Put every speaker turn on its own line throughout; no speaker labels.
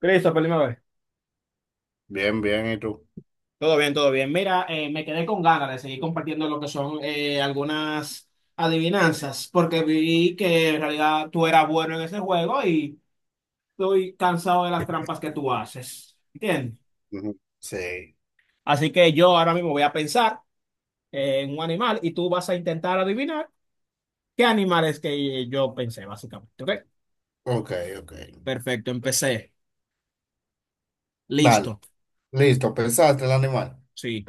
Christopher, dime a ver.
Bien, bien, ¿y tú?
Todo bien, todo bien. Mira, me quedé con ganas de seguir compartiendo lo que son algunas adivinanzas, porque vi que en realidad tú eras bueno en ese juego y estoy cansado de las trampas que tú haces. ¿Entiendes?
Ujú. Sí,
Así que yo ahora mismo voy a pensar en un animal y tú vas a intentar adivinar qué animal es que yo pensé, básicamente. ¿Ok?
ok, ok.
Perfecto, empecé.
Vale,
Listo.
listo, pensaste el animal.
Sí.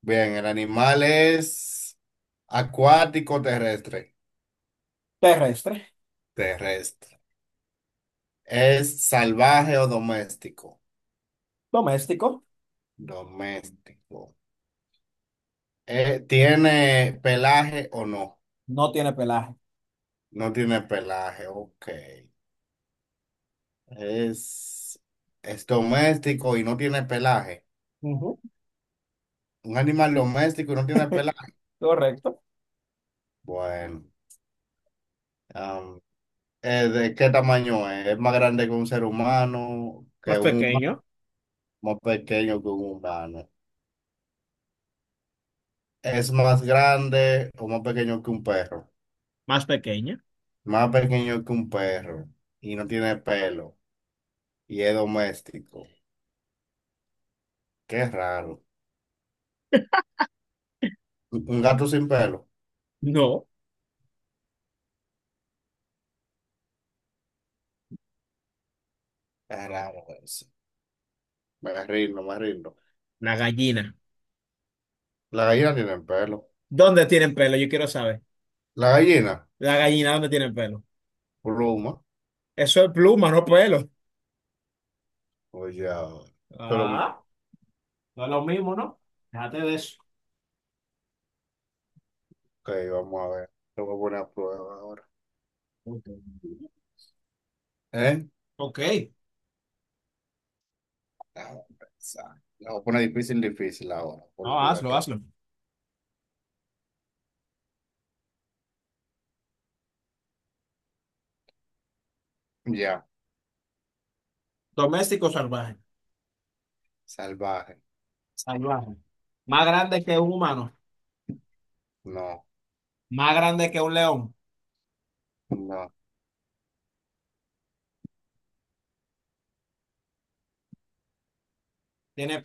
Bien, el animal es acuático terrestre.
Terrestre,
Terrestre. ¿Es salvaje o doméstico?
doméstico,
Doméstico. ¿Tiene pelaje o no?
no tiene pelaje.
No tiene pelaje, ok. Es, es doméstico y no tiene pelaje.
Ujú.
Un animal doméstico y no tiene pelaje.
Correcto.
Bueno. ¿De qué tamaño es? ¿Es más grande que un ser humano,
Más
que un humano,
pequeño.
más pequeño que un humano? ¿Es más grande o más pequeño que un perro?
Más pequeña.
Más pequeño que un perro y no tiene pelo y es doméstico. Qué raro. ¿Un gato sin pelo?
No,
Es raro eso. Me rindo, me rindo.
la gallina.
La gallina tiene pelo.
¿Dónde tienen pelo? Yo quiero saber.
La gallina,
La gallina, ¿dónde tienen pelo?
pluma.
Eso es pluma, no pelo.
Oye, ahora. Pero, ok,
Ah, no es lo mismo, ¿no? Déjate de eso.
vamos a ver. Lo voy a poner a prueba ahora.
Ok.
¿Eh?
Ok.
Ah, esa. La voy a poner difícil, difícil ahora, por el
No, hazlo,
juguete.
hazlo.
Ya,
Doméstico salvaje.
salvaje.
Salvaje. Más grande que un humano.
No,
Más grande que un león.
no,
¿Tiene,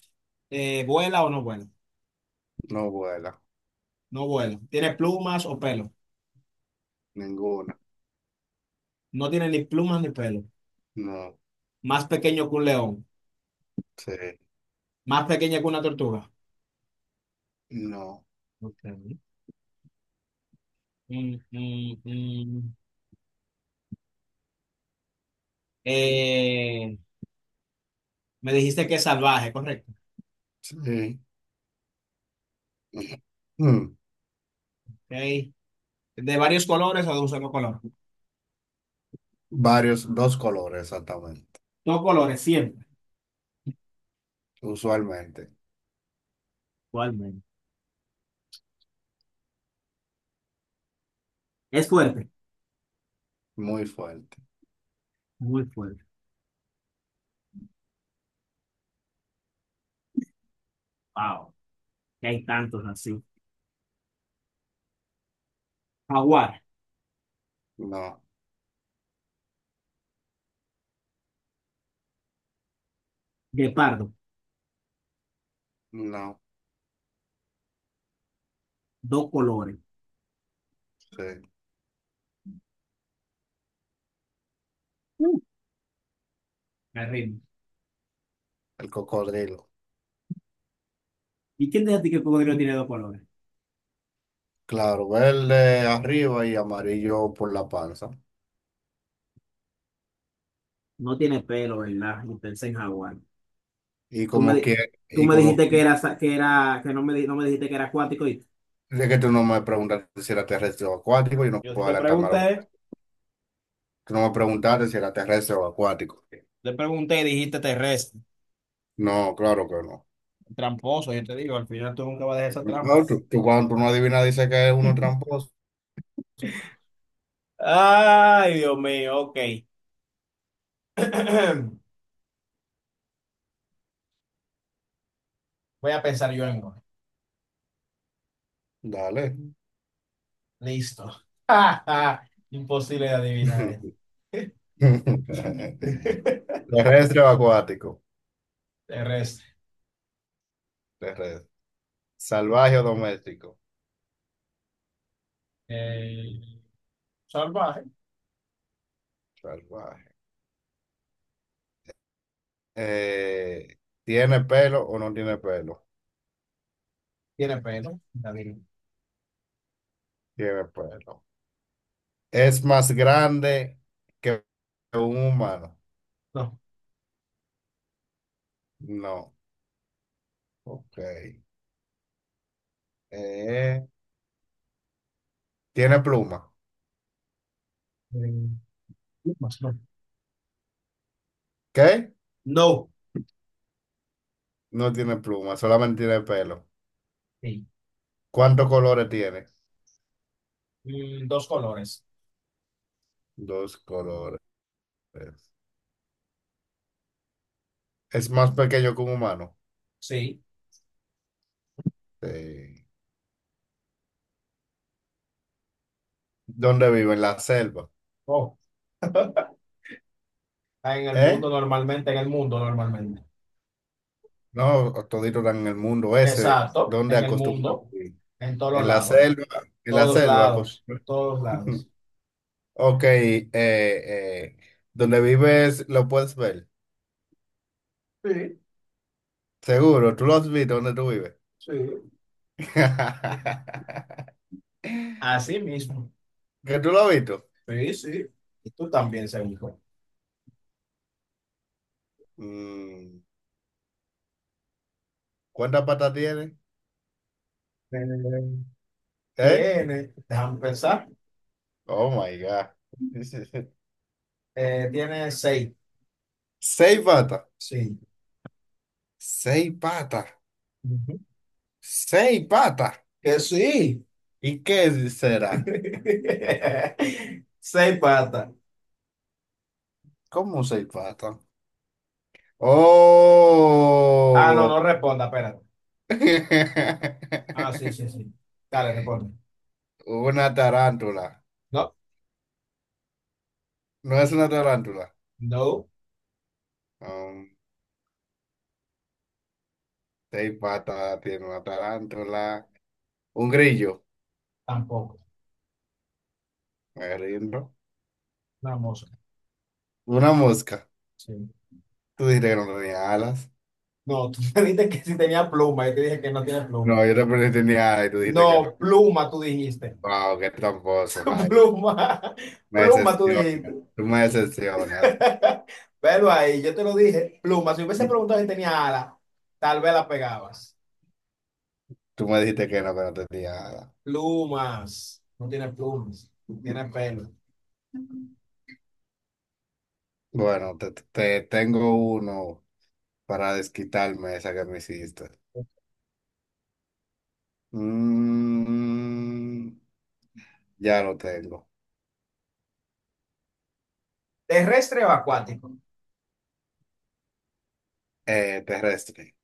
vuela o no vuela?
no vuela.
No vuela. ¿Tiene plumas o pelo?
Ninguna.
No tiene ni plumas ni pelo.
No,
Más pequeño que un león.
sí,
Más pequeña que una tortuga.
no,
Ok. Mm, mm, mm. Eh, Me dijiste que es salvaje, correcto.
sí. Mm,
Ok. De varios colores o de un solo color.
varios, dos colores exactamente.
Dos colores siempre.
Usualmente.
Igualmente. Es fuerte.
Muy fuerte.
Muy fuerte. Wow. Que hay tantos así. Jaguar,
No,
guepardo,
no,
dos colores.
sí.
Mm, Me rindo.
El cocodrilo.
¿Y quién dice a ti que el cocodrilo tiene dos colores?
Claro, verde arriba y amarillo por la panza.
No tiene pelo, ¿verdad? Y pensé en jaguar.
Y
Tú me,
como que,
di- Tú
y
me
como que,
dijiste que era, que era, que no me, di- no me dijiste que era acuático. ¿Y?
es que tú no me preguntas si era terrestre o acuático, y no
Yo sí
puedo adelantarme a lo que Tú no me preguntaste si era terrestre o acuático.
te pregunté y dijiste terrestre,
No, claro que no.
tramposo. Yo te digo, al final tú nunca vas a dejar esa trampa.
No, tú cuando tú no adivinas dices que es uno tramposo.
Ay, Dios mío, ok. Voy a pensar yo en uno.
Dale.
Listo. Imposible de adivinar esto.
Terrestre o acuático.
Terrestre.
Terrestre. Salvaje o doméstico.
Eh, salvaje.
Salvaje. Eh, ¿Tiene pelo o no tiene pelo?
Tiene pelo. David.
Tiene pelo. ¿Es más grande que un humano?
No.
No. Ok. Eh, ¿Tiene pluma?
Eh, plumas, no.
¿Qué?
No.
No tiene pluma, solamente tiene pelo.
Sí.
¿Cuántos colores tiene?
Dos colores.
Dos colores. Es más pequeño que un humano.
Sí.
Sí. ¿Dónde vive? En la selva.
Oh. Está en el
¿Eh?
mundo normalmente, en el mundo normalmente.
No, todito están en el mundo ese.
Exacto,
¿Dónde
en el
acostumbran
mundo,
vivir?
en todos
En la
lados,
selva. En la
todos
selva
lados,
acostumbran.
todos lados.
Ok. ¿Dónde vives? Lo puedes ver.
Sí,
Seguro. ¿Tú lo has visto? ¿Dónde tú vives?
sí. Así mismo.
¿Que tú lo has visto?
Sí, sí. Y tú también, seguro.
Mm, ¿cuántas patas tiene?
Eh,
¿Eh?
tiene, déjame pensar,
Oh my God.
tiene seis.
Seis patas.
Sí.
Seis patas.
Ujú.
Seis patas.
Que sí.
¿Y qué será?
Seis patas.
¿Cómo seis patas?
Ah, no,
Oh.
no responda, espérate. Ah, sí, sí, sí. Dale, responde.
Una tarántula.
No,
No es una tarántula.
no,
Um, seis patas tiene una tarántula. Un grillo.
tampoco.
Me rindo.
Una mosca.
Una mosca.
Sí.
Tú dijiste que no tenía alas.
No, tú me dijiste que sí tenía pluma. Yo te dije que no tiene
No,
pluma.
yo te pregunté si tenía alas y tú dijiste que no.
No, pluma, tú dijiste.
Wow, qué tramposo, Jaime.
Pluma.
Me
Pluma, tú
decepcionas.
dijiste.
Tú me decepcionas.
Pero ahí, yo te lo dije, plumas. Si hubiese preguntado si tenía alas, tal vez la pegabas.
Tú me dijiste que no te tenía nada.
Plumas. No tiene plumas, tiene pelo.
Bueno, te tengo uno para desquitarme esa que me hiciste. Mm, ya lo tengo.
Terrestre o acuático.
Terrestre.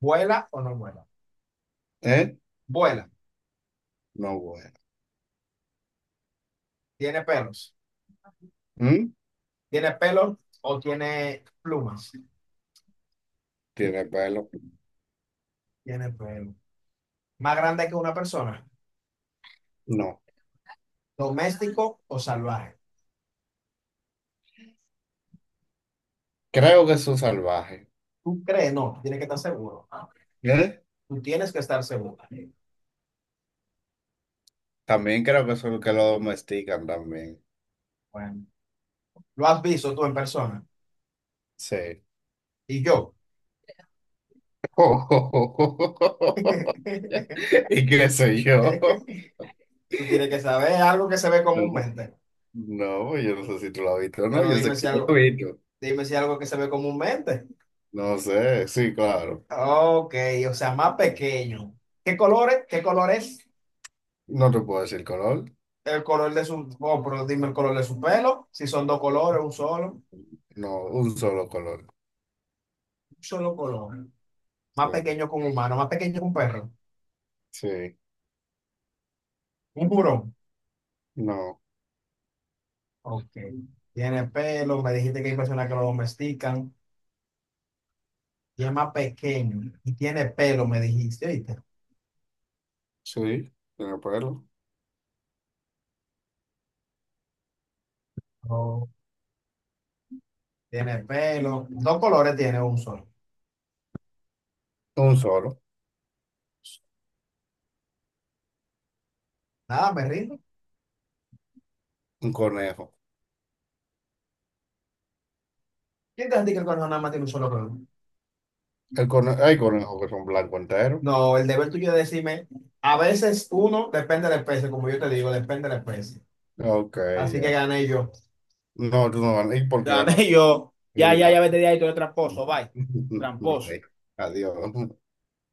¿Vuela o no vuela?
¿Eh?
Vuela.
No bueno.
Tiene pelos.
¿Mm?
¿Tiene pelo o tiene plumas?
¿Tiene pelo?
Tiene pelo. Más grande que una persona.
No.
¿Doméstico o salvaje?
Creo que es un salvaje.
¿Tú crees? No, tú tienes que estar seguro.
¿Eh?
Tú tienes que estar seguro.
También creo que son los que lo domestican también.
Bueno, lo has visto tú en persona.
Sí.
Y yo.
¿Y qué sé yo?
Tú tienes que saber algo que se ve
No,
comúnmente.
no, yo no sé si tú lo has visto o no,
Pero
yo sé que yo lo he visto.
dime si algo que se ve comúnmente.
No sé, sí, claro.
Ok, o sea, más pequeño. ¿Qué colores? ¿Qué color es?
No te puedo decir color,
El color de su, oh, pero dime el color de su pelo. Si son dos colores, un
no, un solo color.
solo color. Más
Sí,
pequeño que un humano, más pequeño que un perro.
sí,
Un burón.
no,
Ok. Tiene pelo, me dijiste que hay personas que lo domestican. Y es más pequeño. Y tiene pelo, me dijiste, ¿oíste?
sí, tiene pelo.
Oh, tiene pelo. Dos colores tiene un solo.
Un solo,
Nada, me rindo.
un conejo.
¿Quién te dice que el conejo nada más tiene un solo cuerno?
El cone hay conejos que son blanco entero.
No, el deber tuyo es decirme, a veces uno depende de la especie, como yo te digo, depende de la especie.
Ok,
Así que
ya.
gané yo.
No, tú no ganas. ¿Y por qué ganar?
Gané yo. Ya, ya,
Adivinar.
ya vete de ahí, tú eres tramposo, bye.
Ok,
Tramposo.
adiós.